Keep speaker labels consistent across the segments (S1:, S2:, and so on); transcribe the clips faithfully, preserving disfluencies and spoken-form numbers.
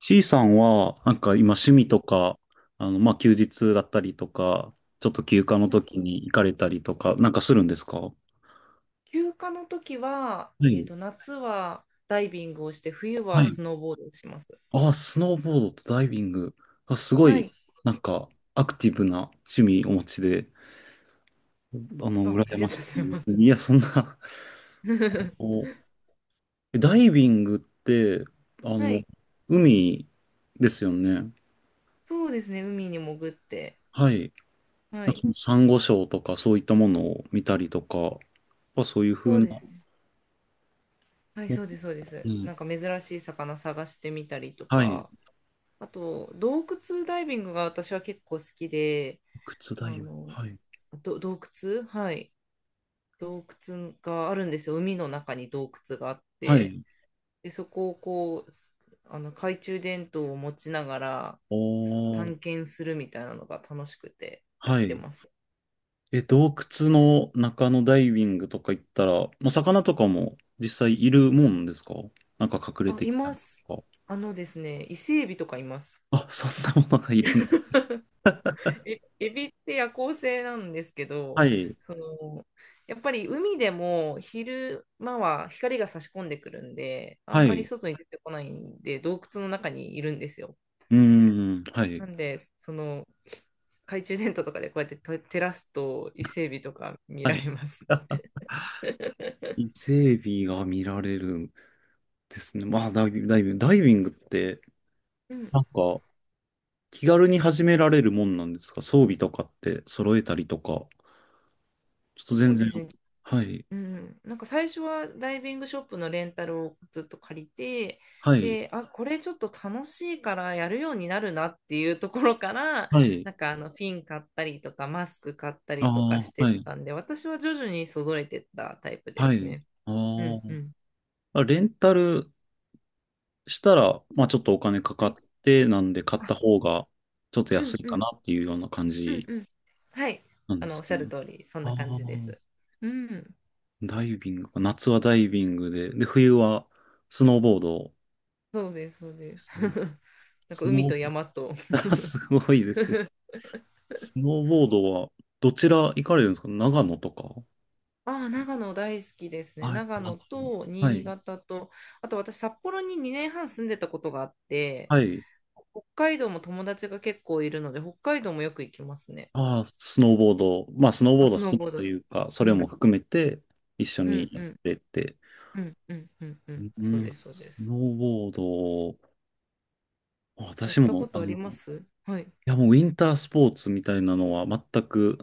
S1: C さんは、なんか今趣
S2: は
S1: 味
S2: い
S1: とか、あの、まあ、休日だったりとか、ちょっと休暇の
S2: はい。
S1: 時に行かれたりとか、なんかするんですか？は
S2: 休暇の時は、えっ
S1: い。
S2: と、夏はダイビングをして、冬
S1: は
S2: は
S1: い。
S2: スノーボードをします。
S1: ああ、スノーボードとダイビング。あ、すご
S2: は
S1: い、
S2: い。
S1: なんか、アクティブな趣味お持ちで、あの、
S2: あ、あ
S1: 羨
S2: り
S1: ま
S2: がとう
S1: し
S2: ござい
S1: い。
S2: ま
S1: いや、
S2: す。
S1: そんな お、ダイビングって、あ
S2: は
S1: の、
S2: い。
S1: 海ですよね。
S2: そうですね。海に潜って。
S1: はい。
S2: は
S1: なんか
S2: い。
S1: そのサンゴ礁とかそういったものを見たりとか、まあ、そういう
S2: そ
S1: 風
S2: う
S1: な、
S2: ですね。はい、そうです、そうで
S1: う
S2: す。
S1: ん、
S2: なんか珍しい魚探してみたりと
S1: はい。
S2: か、あと、洞窟ダイビングが私は結構好きで、
S1: 靴だ
S2: あ
S1: よ。
S2: の、
S1: はい。
S2: ど、洞窟。はい。洞窟があるんですよ。海の中に洞窟があっ
S1: は
S2: て。
S1: い。
S2: で、そこをこう、あの懐中電灯を持ちながらす
S1: おー。
S2: 探検するみたいなのが楽しくてやっ
S1: は
S2: て
S1: い。
S2: ます。
S1: え、洞窟の中のダイビングとか行ったら、まあ、魚とかも実際いるもんですか？なんか隠れ
S2: あ、
S1: て
S2: い
S1: きた
S2: ま
S1: り
S2: す。
S1: とか。
S2: あのですね、伊勢エビとかいます。
S1: あ、そんなものがいるんです。
S2: えエビって夜行性なんですけ
S1: は
S2: ど、
S1: い。
S2: その、やっぱり海でも昼間は光が差し込んでくるんで、あ
S1: は
S2: んまり
S1: い。
S2: 外に出てこないんで、洞窟の中にいるんですよ。
S1: うーん。はい。
S2: なんで、その、懐中電灯とかでこうやってと照らすと伊勢海老とか見
S1: は
S2: られ
S1: い。
S2: ます。
S1: 伊勢海が見られるんですね。まあ、ダイビング、ダイビング、ダイビングって、
S2: うん、
S1: なんか、気軽に始められるもんなんですか？装備とかって揃えたりとか。ちょっと
S2: そ
S1: 全
S2: うで
S1: 然。
S2: すね。
S1: はい。
S2: うん、なんか最初はダイビングショップのレンタルをずっと借りて、
S1: はい。
S2: で、あ、これちょっと楽しいからやるようになるなっていうところから、
S1: はい。
S2: なんかあのフィン買ったりとかマスク買った
S1: あ
S2: りとかし
S1: あ、
S2: て
S1: は
S2: っ
S1: い。
S2: たんで、私は徐々にそぞれてったタイプで
S1: は
S2: す
S1: い。
S2: ね。うんう
S1: あ
S2: ん。
S1: あ。レンタルしたら、まあちょっとお金か
S2: は
S1: かっ
S2: い。
S1: て、なんで買っ
S2: あ、
S1: た方がちょっと
S2: う
S1: 安
S2: ん
S1: い
S2: う
S1: か
S2: ん。
S1: なっていうような感
S2: うん
S1: じ
S2: うん。はい。
S1: なん
S2: あ
S1: で
S2: の、お
S1: す
S2: っしゃる
S1: ね。
S2: 通り、そん
S1: あ
S2: な感
S1: あ、
S2: じです。うん。
S1: ダイビングか。夏はダイビングで、で、冬はスノーボードで
S2: そうです、そうです。
S1: すね。
S2: なんか
S1: ス
S2: 海
S1: ノー
S2: と
S1: ボ
S2: 山と。
S1: ード、すごいですよ。スノーボードはどちら行かれるんですか？長野とか。
S2: ああ、長野大好きですね。
S1: はい。
S2: 長
S1: 長
S2: 野
S1: 野、
S2: と
S1: は
S2: 新
S1: い。
S2: 潟と、あと私、札幌ににねんはん住んでたことがあって、
S1: はい。
S2: 北海道も友達が結構いるので、北海道もよく行きますね。
S1: ああ、スノーボード、まあ、スノーボ
S2: あ、
S1: ード
S2: スノ
S1: 趣
S2: ー
S1: 味
S2: ボー
S1: と
S2: ド。
S1: いうか、そ
S2: う
S1: れも
S2: ん、
S1: 含めて一緒
S2: うん、
S1: にや
S2: う
S1: っ
S2: ん、
S1: てて、
S2: うん、うん、うん、うん、
S1: う
S2: そう
S1: ん、
S2: です、そうで
S1: ス
S2: す。
S1: ノーボード、
S2: やっ
S1: 私
S2: た
S1: も、
S2: こと
S1: あ
S2: あ
S1: の、
S2: り
S1: い
S2: ます。はい。
S1: や、もうウィンタースポーツみたいなのは全く、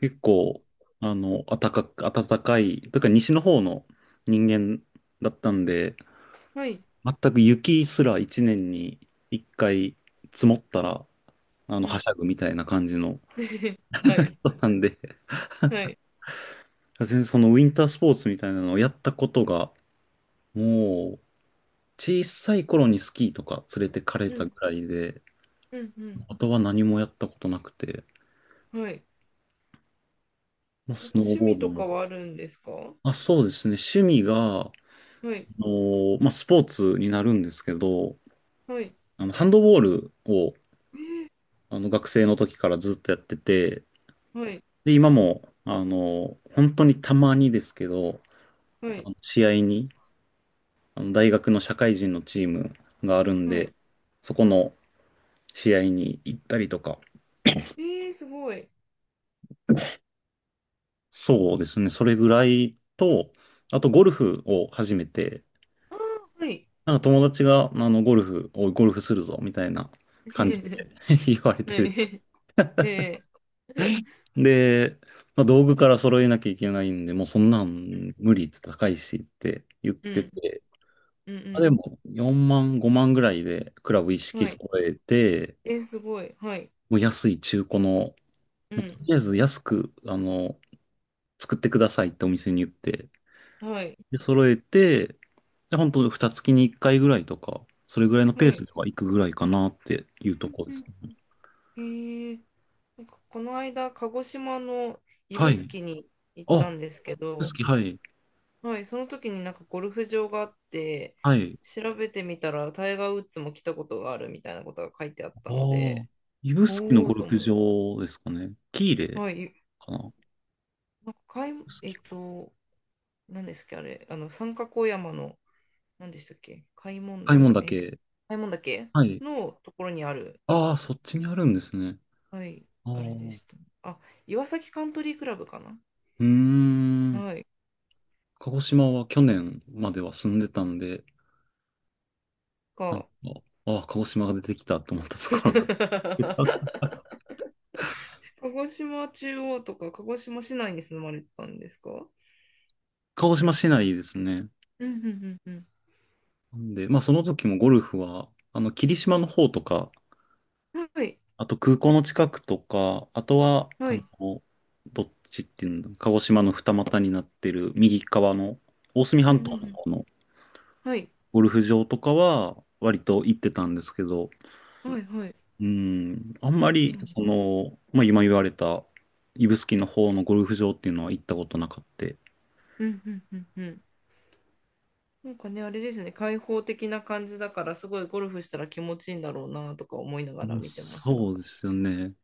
S1: 結構、あの、暖かく、暖かい、というか西の方の人間だったんで、
S2: はい。
S1: 全く雪すら一年に一回積もったら、あの、
S2: う
S1: は
S2: ん。
S1: しゃぐみたいな感じの
S2: はい。
S1: 人なんで、
S2: はい。
S1: 全然そのウィンタースポーツみたいなのをやったことが、もう、小さい頃にスキーとか連れてかれ
S2: う
S1: たぐ
S2: ん、
S1: らいで、
S2: うん、うん。
S1: あとは何もやったことなくて、
S2: はい。
S1: まあ、
S2: なん
S1: ス
S2: か
S1: ノー
S2: 趣
S1: ボ
S2: 味
S1: ード
S2: とか
S1: も。
S2: はあるんですか？は
S1: あ、そうですね。趣味が、あ
S2: い、
S1: のーまあ、スポーツになるんですけど、
S2: はい、
S1: あの、ハンドボールを、あの、学生の時からずっとやってて、
S2: はい、
S1: で、今も、あのー本当にたまにですけど、
S2: は
S1: あ
S2: い、
S1: の試合に、あの、大学の社会人のチームがあるん
S2: はい。
S1: で、そこの試合に行ったりとか、
S2: えー、すごい。
S1: そうですね。それぐらいと、あとゴルフを始めて、
S2: あー、はい。
S1: なんか友達が、あの、ゴルフ、おい、ゴルフするぞ、みたいな感じで 言われ
S2: は
S1: て。
S2: い。え
S1: で、まあ、道具から揃えなきゃいけないんで、もうそんな
S2: ー、
S1: ん無理って高いしって言っ
S2: う
S1: て
S2: ん、
S1: て、
S2: うん、う
S1: まあ、で
S2: ん、
S1: もよんまん、ごまんぐらいでクラブ一
S2: うん。
S1: 式
S2: はい。
S1: 揃えて、
S2: えー、すごい。はい。
S1: もう安い中古の、も
S2: う
S1: うと
S2: ん、
S1: りあえず安く、あの、作ってくださいってお店に言って、
S2: はい、
S1: で、揃えて、で、本当二月に一回ぐらいとか、それぐらいのペ
S2: は
S1: ース
S2: い。
S1: では行くぐらいかなってい
S2: う
S1: うと
S2: ん、
S1: ころで
S2: う
S1: す
S2: ん。
S1: ね。
S2: えー、なんかこの間、鹿児島の指
S1: はい。
S2: 宿に行っ
S1: あ、
S2: たんですけど、
S1: 指宿、はい。
S2: はい、その時になんかゴルフ場があって、
S1: はい。
S2: 調べてみたらタイガー・ウッズも来たことがあるみたいなことが書いてあっ
S1: あ
S2: たの
S1: あ、
S2: で、
S1: 指宿の
S2: おー
S1: ゴル
S2: と
S1: フ
S2: 思いました。
S1: 場ですかね。喜入
S2: はい、
S1: かな。
S2: なんか買い、
S1: 指
S2: えっ
S1: 宿か。
S2: と、何ですっけ、あれ、あの、三角小山の、何でしたっけ、開聞
S1: 買い
S2: 岳、
S1: 物だ
S2: え、
S1: け。
S2: 開聞岳
S1: はい。
S2: のところにある、
S1: ああ、そっちにあるんですね。
S2: はい、
S1: ああ、
S2: あれで
S1: う
S2: した。あ、岩崎カントリークラブかな。
S1: ーん。
S2: はい、
S1: 鹿児島は去年までは住んでたんで、なんか、
S2: か。
S1: ああ、鹿児島が出てきたと思ったところだ。
S2: 鹿児島中央とか鹿児島市内に住まれてたんですか？
S1: 鹿児島市内ですね。
S2: うんうんうん
S1: なんで、まあその時もゴルフは、あの、霧島の方とか、
S2: うん。はい。
S1: あと空港の近くとか、あとは、
S2: は
S1: あ
S2: い。
S1: の、どっちっていうの、鹿児島の二股になってる右側の大隅
S2: う
S1: 半
S2: んう
S1: 島
S2: んう
S1: の
S2: ん。
S1: 方の
S2: はい。
S1: ゴルフ場とかは割と行ってたんですけど、
S2: はい。はい。
S1: うん、あんま
S2: そう
S1: り、
S2: ね。
S1: その、まあ今言われた指宿の方のゴルフ場っていうのは行ったことなかった。
S2: うんうんうんうん。なんかね、あれですね、開放的な感じだから、すごいゴルフしたら気持ちいいんだろうなとか思いな
S1: あ
S2: がら
S1: の、
S2: 見てました。
S1: そうですよね。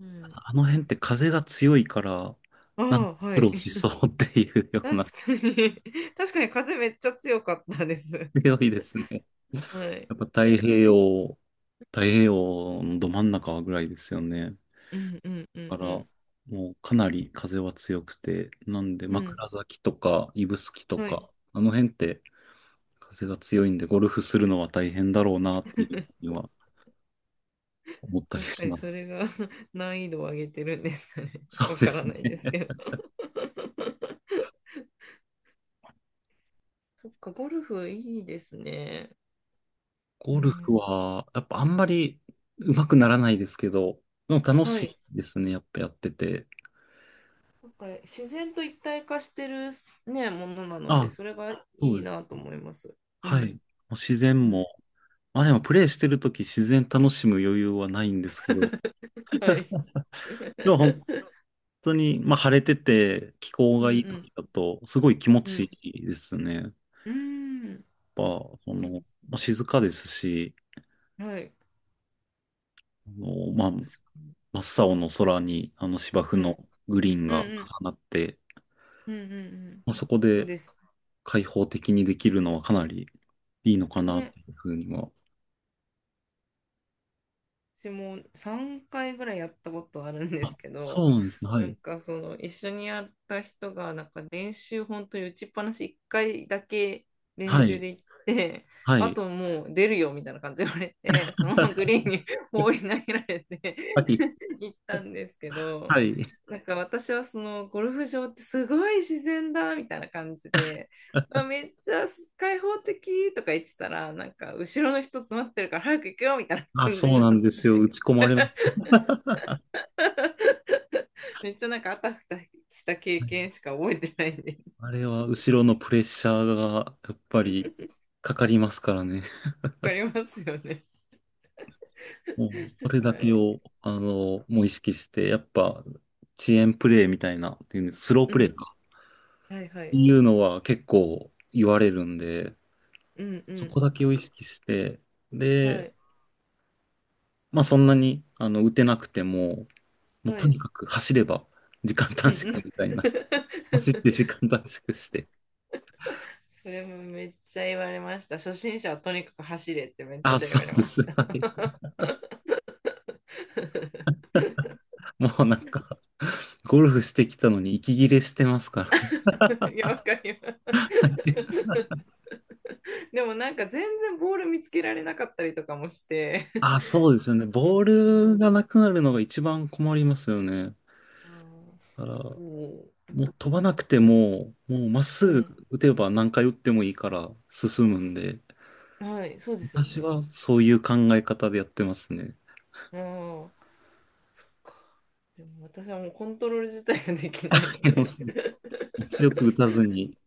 S2: う
S1: た
S2: ん。
S1: だあの辺って風が強いから、
S2: あ
S1: なんか
S2: あ、は
S1: 苦
S2: い。
S1: 労しそ うっていうよう
S2: 確
S1: な、
S2: かに 確かに風めっちゃ強かったです。
S1: 広いですね。
S2: はい。
S1: やっぱ太平洋、太平洋のど真ん中ぐらいですよね。
S2: うんうんう
S1: だ
S2: ん
S1: から、
S2: うん。
S1: もうかなり風は強くて、なんで
S2: うん。
S1: 枕崎とか指宿と
S2: はい。
S1: か、あの辺って風が強いんで、ゴルフするのは大変だろうなっていうふうには思ったり
S2: 確か
S1: し
S2: に
S1: ま
S2: そ
S1: す。
S2: れが 難易度を上げてるんですかね。
S1: そ う
S2: わ
S1: で
S2: から
S1: すね。
S2: ないですけど。そっか、ゴルフいいですね。う
S1: ゴル
S2: ん、
S1: フは、やっぱあんまり上手くならないですけど、でも楽
S2: は
S1: しい
S2: い。
S1: ですね、やっぱやってて。
S2: なんか自然と一体化してるね、ものなので、
S1: あ、
S2: それが
S1: そ
S2: い
S1: う
S2: い
S1: です。
S2: なと思います。う
S1: はい。
S2: ん。
S1: もう自
S2: う
S1: 然
S2: ん。
S1: も、まあでもプレイしてるとき自然楽しむ余裕はないんですけど、
S2: はい。
S1: でも本 当に、まあ晴れてて気候
S2: う
S1: がいいと
S2: ん
S1: きだとすごい気持
S2: う
S1: ち
S2: ん。
S1: いいですね。やっ
S2: うん。う
S1: ぱ、そ
S2: そうで
S1: の、
S2: すね。
S1: まあ静かですし、
S2: ーん。はい。
S1: あの、まあ
S2: 確かに。
S1: 真っ青の空にあの芝生
S2: うん。
S1: のグリーン
S2: うん
S1: が
S2: うん。
S1: 重なって、
S2: うんうんうん。
S1: まあ、そこ
S2: そう
S1: で
S2: です。
S1: 開放的にできるのはかなりいいの
S2: ね、はい、確かに、うんうんうんうんうんうん、そう
S1: かなっ
S2: です
S1: てい
S2: ね。
S1: うふうには。
S2: 私もさんかいぐらいやったことあるんですけ
S1: そう
S2: ど、
S1: なんですね。は
S2: なん
S1: い。
S2: かその一緒にやった人がなんか練習本当に打ちっぱなしいっかいだけ練
S1: は
S2: 習
S1: い。
S2: で行って、
S1: は
S2: あ
S1: い。
S2: ともう出るよみたいな感じで言われて、そのままグリーンに放り投げられて
S1: はい。
S2: 行ったんですけど、
S1: はい。
S2: なんか私はそのゴルフ場ってすごい自然だみたいな感じで、あ、めっちゃ開放的とか言ってたら、なんか後ろの人詰まってるから早く行くよみたい
S1: あ、
S2: 感じに
S1: そう
S2: な
S1: なん
S2: の
S1: ですよ。
S2: ね。
S1: 打ち込まれます。
S2: めっちゃなんかあたふたした経験しか覚えてないんです。
S1: あれは後ろのプレッシャーがやっぱりかかりますからね。
S2: わかりますよね。
S1: もうそれ
S2: は
S1: だけ
S2: い。
S1: を、あの、もう意識して、やっぱ遅延プレイみたいな、っていうスロー
S2: う
S1: プレイ
S2: ん。
S1: か。
S2: はいは
S1: って
S2: い。
S1: いうのは結構言われるんで、
S2: うんう
S1: そこ
S2: ん。
S1: だけを意識して、
S2: は
S1: で、
S2: い。
S1: まあそんなにあの打てなくても、もう
S2: は
S1: とに
S2: い。
S1: かく走れば時間
S2: う
S1: 短
S2: んう
S1: 縮
S2: ん。
S1: みたいな。走って時間短縮して。
S2: それもめっちゃ言われました。初心者はとにかく走れってめっ
S1: あ、
S2: ちゃ言
S1: そ
S2: われ
S1: うで
S2: ま
S1: す。
S2: し
S1: はい。
S2: た。
S1: もうなんか、ゴルフしてきたのに息切れしてますから
S2: いや、わかります。
S1: ね。
S2: でもなんか全然ボール見つけられなかったりとかもして。
S1: あ、そうですよね。ボー
S2: うん、
S1: ルがなくなるのが一番困りますよね。
S2: あー、
S1: だから、
S2: そう、
S1: もう飛ばなくても、もうまっ
S2: う
S1: すぐ
S2: ん。
S1: 打てば何回打ってもいいから進むんで、
S2: はい、そうですよ
S1: 私
S2: ね。
S1: はそういう考え方でやってますね。
S2: ああ、そっか。でも私はもうコントロール自体ができない の
S1: でも
S2: で
S1: 強く打たずに、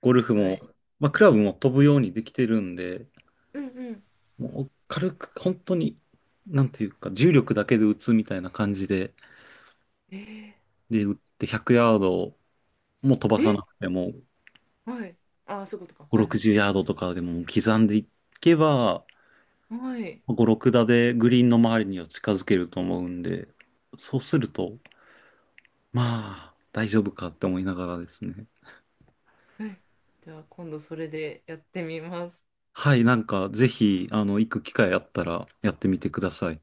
S1: ゴル フ
S2: は
S1: も、
S2: い。
S1: まあ、クラブも飛ぶようにできてるんで、
S2: うんうん。
S1: もう軽く本当に、なんていうか、重力だけで打つみたいな感じで、
S2: え
S1: で、打ってひゃくヤードも飛ば
S2: ー、
S1: さ
S2: え、
S1: なくても、
S2: はい。ああ、そういうことか。
S1: ご、
S2: はいはい。
S1: ろくじゅうヤードとかでも刻んでいけば、
S2: はい。
S1: ご、ろくだ打でグリーンの周りには近づけると思うんで、そうすると、まあ、大丈夫かって思いながらですね。
S2: はい。じゃあ今度それでやってみます。
S1: はい、なんか、ぜひ、あの、行く機会あったらやってみてください。